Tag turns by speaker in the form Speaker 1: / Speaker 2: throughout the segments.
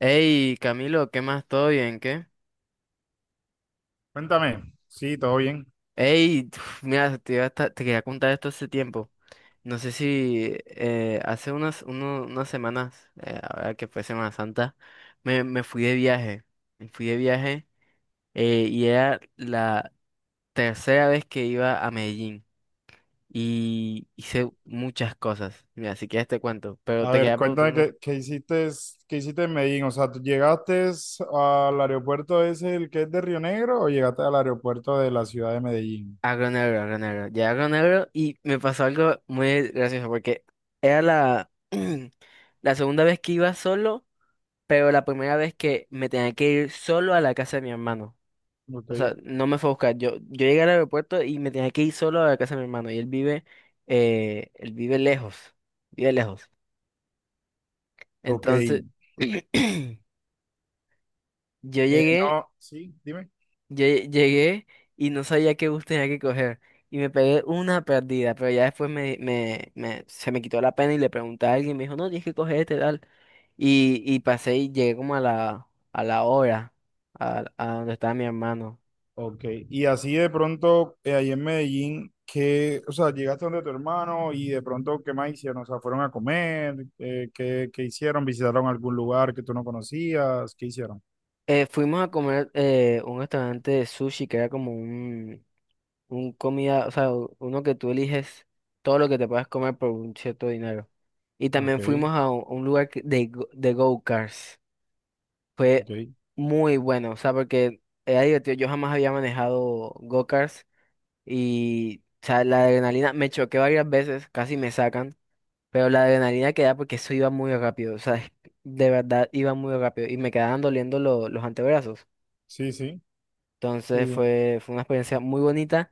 Speaker 1: Ey, Camilo, ¿qué más? ¿Todo bien? ¿Qué?
Speaker 2: Cuéntame, sí, todo bien.
Speaker 1: Ey, mira, te iba a esta- te quería contar esto hace tiempo. No sé si hace unas semanas, ahora que fue Semana Santa, me fui de viaje. Me fui de viaje y era la tercera vez que iba a Medellín y hice muchas cosas. Mira, si quieres te cuento, pero
Speaker 2: A
Speaker 1: te
Speaker 2: ver,
Speaker 1: quería
Speaker 2: cuéntame
Speaker 1: preguntar.
Speaker 2: qué hiciste, qué hiciste en Medellín. O sea, ¿tú llegaste al aeropuerto ese, el que es de Río Negro, o llegaste al aeropuerto de la ciudad de Medellín?
Speaker 1: Agro negro, agro negro. Llegué a agro negro y me pasó algo muy gracioso porque era la, la segunda vez que iba solo, pero la primera vez que me tenía que ir solo a la casa de mi hermano. O
Speaker 2: Ok,
Speaker 1: sea, no me fue a buscar. Yo llegué al aeropuerto y me tenía que ir solo a la casa de mi hermano. Y él vive lejos. Vive lejos.
Speaker 2: ok. Eh,
Speaker 1: Entonces, yo llegué
Speaker 2: no, sí, dime.
Speaker 1: Llegué y no sabía qué bus tenía que coger. Y me pegué una perdida, pero ya después se me quitó la pena y le pregunté a alguien, me dijo, no, tienes que coger este tal. Y pasé y llegué como a la hora, a donde estaba mi hermano.
Speaker 2: Ok, y así de pronto, ahí en Medellín, qué, o sea, llegaste donde tu hermano y de pronto, ¿qué más hicieron? O sea, ¿fueron a comer? ¿Qué, qué hicieron? ¿Visitaron algún lugar que tú no conocías? ¿Qué hicieron?
Speaker 1: Fuimos a comer un restaurante de sushi que era como un comida, o sea, uno que tú eliges todo lo que te puedas comer por un cierto dinero. Y
Speaker 2: Ok,
Speaker 1: también fuimos a un lugar de go-karts. Fue
Speaker 2: ok.
Speaker 1: muy bueno, o sea, porque era divertido. Yo jamás había manejado go-karts y, o sea, la adrenalina me choqué varias veces, casi me sacan, pero la adrenalina que da porque eso iba muy rápido, o sea, de verdad iba muy rápido y me quedaban doliendo los antebrazos.
Speaker 2: Sí, sí, sí,
Speaker 1: Entonces
Speaker 2: sí.
Speaker 1: fue una experiencia muy bonita.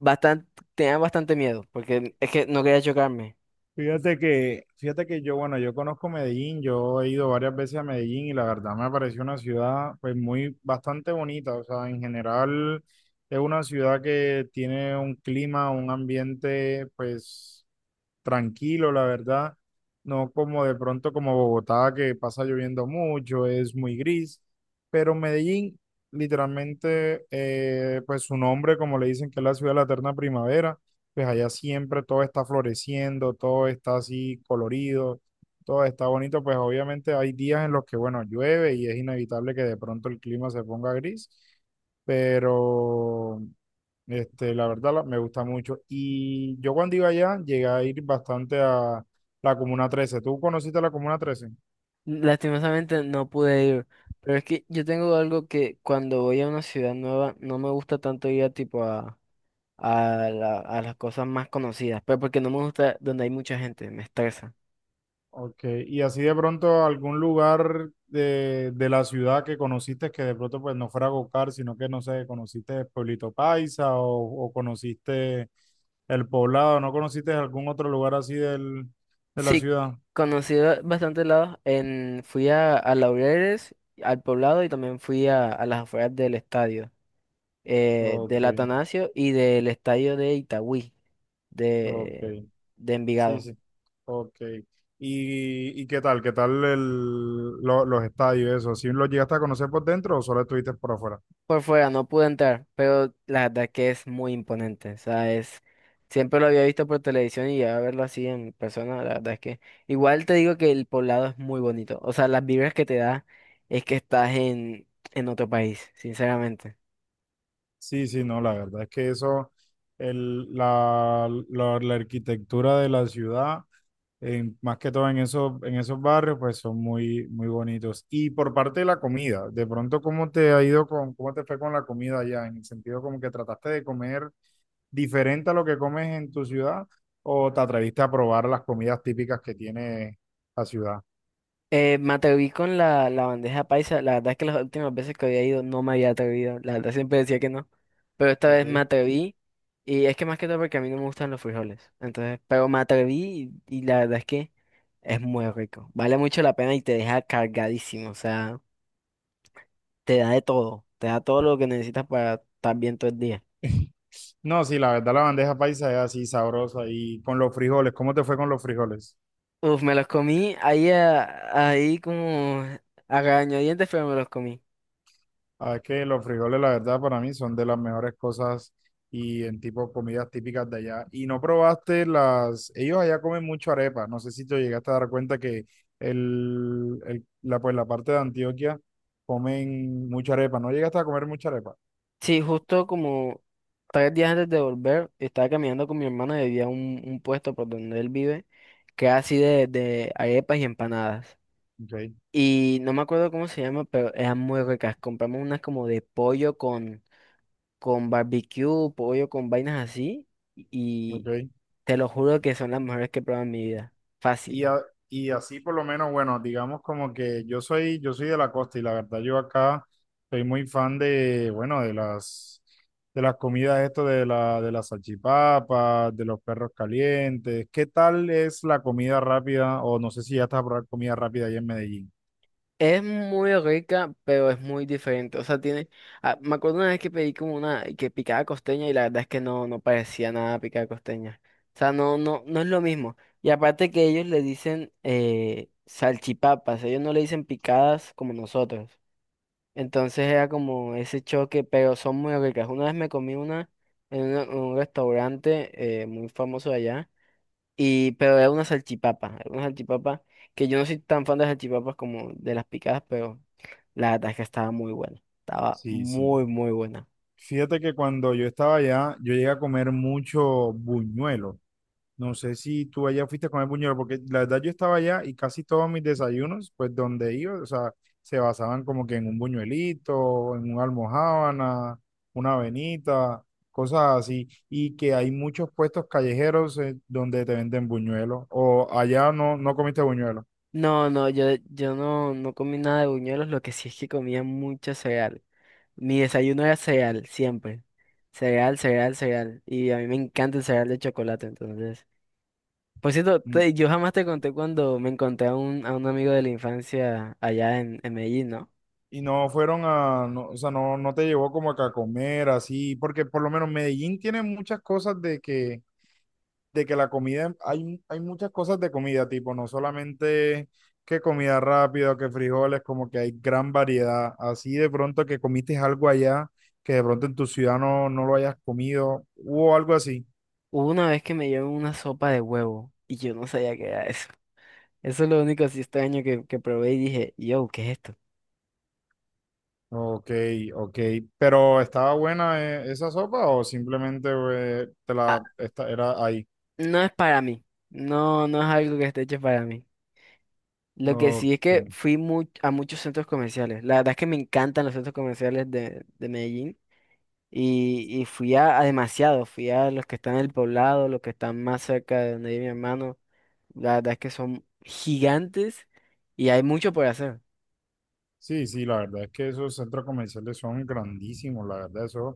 Speaker 1: Bastante, tenía bastante miedo porque es que no quería chocarme.
Speaker 2: Fíjate que yo, bueno, yo conozco Medellín, yo he ido varias veces a Medellín y la verdad me pareció una ciudad pues muy bastante bonita. O sea, en general es una ciudad que tiene un clima, un ambiente pues tranquilo, la verdad. No como de pronto como Bogotá, que pasa lloviendo mucho, es muy gris. Pero Medellín, literalmente, pues su nombre, como le dicen, que es la ciudad de la eterna primavera, pues allá siempre todo está floreciendo, todo está así colorido, todo está bonito. Pues obviamente hay días en los que, bueno, llueve y es inevitable que de pronto el clima se ponga gris. Pero este, la verdad, me gusta mucho. Y yo cuando iba allá llegué a ir bastante a la Comuna 13. ¿Tú conociste la Comuna 13?
Speaker 1: Lastimosamente no pude ir. Pero es que yo tengo algo que cuando voy a una ciudad nueva no me gusta tanto ir a tipo a las cosas más conocidas, pero porque no me gusta donde hay mucha gente, me estresa.
Speaker 2: Ok, y así de pronto algún lugar de la ciudad que conociste, que de pronto pues no fuera Gocar, sino que, no sé, conociste Pueblito Paisa o conociste El Poblado, ¿no conociste algún otro lugar así del, de la
Speaker 1: Sí,
Speaker 2: ciudad?
Speaker 1: conocí bastantes lados. En, fui a Laureles, al Poblado y también fui a las afueras del estadio,
Speaker 2: Ok,
Speaker 1: del Atanasio y del estadio de Itagüí,
Speaker 2: ok.
Speaker 1: de, de
Speaker 2: Sí,
Speaker 1: Envigado.
Speaker 2: sí. Ok. Y qué tal? ¿Qué tal los estadios, eso? ¿Sí los llegaste a conocer por dentro o solo estuviste por afuera?
Speaker 1: Por fuera no pude entrar, pero la verdad que es muy imponente. O sea, es, siempre lo había visto por televisión y ya verlo así en persona, la verdad es que igual te digo que el poblado es muy bonito. O sea, las vibras que te da es que estás en otro país, sinceramente.
Speaker 2: Sí, sí, no, la verdad es que eso, la arquitectura de la ciudad, más que todo en esos barrios, pues son muy, muy bonitos. Y por parte de la comida, de pronto, ¿cómo te ha ido con, cómo te fue con la comida allá? En el sentido como que trataste de comer diferente a lo que comes en tu ciudad, o te atreviste a probar las comidas típicas que tiene la ciudad.
Speaker 1: Me atreví con la bandeja paisa. La verdad es que las últimas veces que había ido no me había atrevido. La verdad siempre decía que no. Pero esta
Speaker 2: Ok.
Speaker 1: vez me atreví. Y es que más que todo porque a mí no me gustan los frijoles. Entonces, pero me atreví y la verdad es que... Es muy rico. Vale mucho la pena y te deja cargadísimo. O sea, te da de todo. Te da todo lo que necesitas para estar bien todo el día.
Speaker 2: No, sí, la verdad la bandeja paisa es así sabrosa, y con los frijoles, ¿cómo te fue con los frijoles?
Speaker 1: Uf, me los comí ahí, ahí como a regañadientes, pero me los comí.
Speaker 2: Ah, es que los frijoles la verdad para mí son de las mejores cosas y en tipo comidas típicas de allá. Y no probaste las, ellos allá comen mucho arepa, no sé si te llegaste a dar cuenta que el- la, pues, la parte de Antioquia comen mucha arepa, ¿no llegaste a comer mucha arepa?
Speaker 1: Sí, justo como tres días antes de volver, estaba caminando con mi hermano y había un puesto por donde él vive, que era así de arepas y empanadas.
Speaker 2: Ok,
Speaker 1: Y no me acuerdo cómo se llama, pero eran muy ricas. Compramos unas como de pollo con barbecue, pollo, con vainas así. Y
Speaker 2: ok.
Speaker 1: te lo juro que son las mejores que he probado en mi vida.
Speaker 2: Y,
Speaker 1: Fácil.
Speaker 2: a- y así por lo menos, bueno, digamos como que yo soy de la costa y la verdad yo acá soy muy fan de, bueno, de las comidas esto de la, de las salchipapas, de los perros calientes. ¿Qué tal es la comida rápida? O no sé si ya estás a probar comida rápida allá en Medellín.
Speaker 1: Es muy rica, pero es muy diferente. O sea, tiene. Ah, me acuerdo una vez que pedí como una que picada costeña y la verdad es que no, no parecía nada picada costeña. O sea, no, no, no es lo mismo. Y aparte que ellos le dicen salchipapas, ellos no le dicen picadas como nosotros. Entonces era como ese choque, pero son muy ricas. Una vez me comí una en un restaurante muy famoso de allá, y, pero era una salchipapa que yo no soy tan fan de las salchipapas como de las picadas, pero la verdad es que estaba muy buena, estaba
Speaker 2: Sí, sí.
Speaker 1: muy, muy buena.
Speaker 2: Fíjate que cuando yo estaba allá, yo llegué a comer mucho buñuelo. No sé si tú allá fuiste a comer buñuelos, porque la verdad yo estaba allá y casi todos mis desayunos, pues donde iba, o sea, se basaban como que en un buñuelito, en una almojábana, una avenita, cosas así, y que hay muchos puestos callejeros donde te venden buñuelos, o allá no, no comiste buñuelos.
Speaker 1: No, no, yo no, no comí nada de buñuelos, lo que sí es que comía mucho cereal. Mi desayuno era cereal, siempre. Cereal, cereal, cereal. Y a mí me encanta el cereal de chocolate, entonces... Por cierto,
Speaker 2: Mm.
Speaker 1: yo jamás te conté cuando me encontré a a un amigo de la infancia allá en Medellín, ¿no?
Speaker 2: Y no fueron a, no, o sea, no, no te llevó como que a comer así, porque por lo menos Medellín tiene muchas cosas de que la comida, hay muchas cosas de comida, tipo, no solamente que comida rápida, que frijoles, como que hay gran variedad. Así de pronto que comiste algo allá que de pronto en tu ciudad no, no lo hayas comido o algo así.
Speaker 1: Hubo una vez que me llevó una sopa de huevo y yo no sabía qué era eso. Eso es lo único así extraño que probé y dije, yo, ¿qué es esto?
Speaker 2: Ok, ok. Pero ¿estaba buena esa sopa o simplemente te
Speaker 1: Ah,
Speaker 2: la esta, era ahí?
Speaker 1: no es para mí. No, no es algo que esté hecho para mí. Lo que sí es
Speaker 2: Ok.
Speaker 1: que fui a muchos centros comerciales. La verdad es que me encantan los centros comerciales de Medellín. Fui a demasiados, fui a los que están en el poblado, los que están más cerca de donde vive mi hermano. La verdad es que son gigantes y hay mucho por hacer.
Speaker 2: Sí, sí, la verdad es que esos centros comerciales son grandísimos, la verdad, esos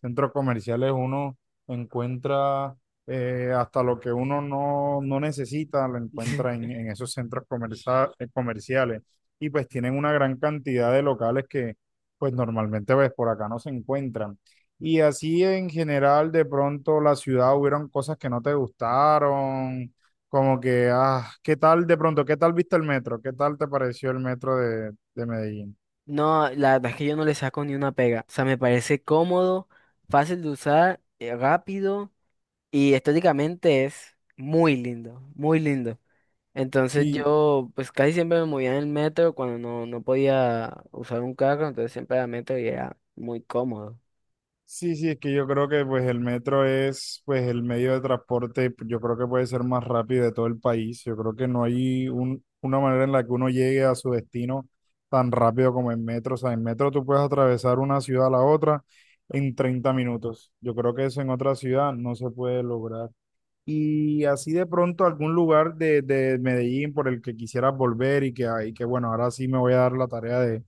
Speaker 2: centros comerciales uno encuentra hasta lo que uno no, no necesita, lo encuentra en esos comerciales, y pues tienen una gran cantidad de locales que pues normalmente pues por acá no se encuentran. Y así en general de pronto la ciudad hubieron cosas que no te gustaron como que, ah, ¿qué tal de pronto? ¿Qué tal viste el metro? ¿Qué tal te pareció el metro de Medellín?
Speaker 1: No, la verdad es que yo no le saco ni una pega. O sea, me parece cómodo, fácil de usar, rápido y estéticamente es muy lindo, muy lindo. Entonces
Speaker 2: Sí.
Speaker 1: yo, pues casi siempre me movía en el metro cuando no, no podía usar un carro, entonces siempre era metro y era muy cómodo.
Speaker 2: Sí, sí, es que yo creo que pues el metro es pues el medio de transporte, yo creo que puede ser más rápido de todo el país. Yo creo que no hay un, una manera en la que uno llegue a su destino tan rápido como en metro. O sea, en metro tú puedes atravesar una ciudad a la otra en 30 minutos. Yo creo que eso en otra ciudad no se puede lograr. Y así de pronto algún lugar de Medellín por el que quisieras volver y que bueno, ahora sí me voy a dar la tarea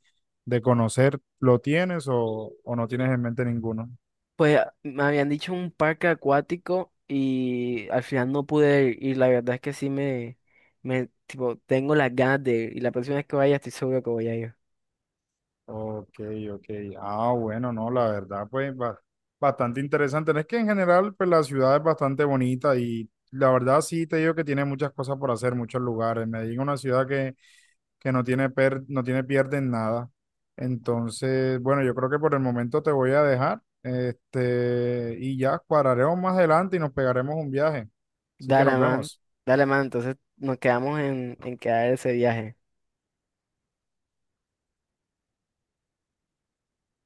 Speaker 2: de conocer, ¿lo tienes o no tienes en mente ninguno?
Speaker 1: Pues me habían dicho un parque acuático y al final no pude ir. Y la verdad es que sí tipo, tengo las ganas de ir. Y la próxima vez que vaya estoy seguro que voy a ir.
Speaker 2: Ok, ok. Ah, bueno, no, la verdad, pues bastante interesante. Es que en general, pues la ciudad es bastante bonita y la verdad sí te digo que tiene muchas cosas por hacer, muchos lugares. Medellín es una ciudad que que no tiene pierde en nada. Entonces, bueno, yo creo que por el momento te voy a dejar, este, y ya cuadraremos más adelante y nos pegaremos un viaje. Así que nos
Speaker 1: Dale, man.
Speaker 2: vemos.
Speaker 1: Dale, man. Entonces nos quedamos en quedar ese viaje.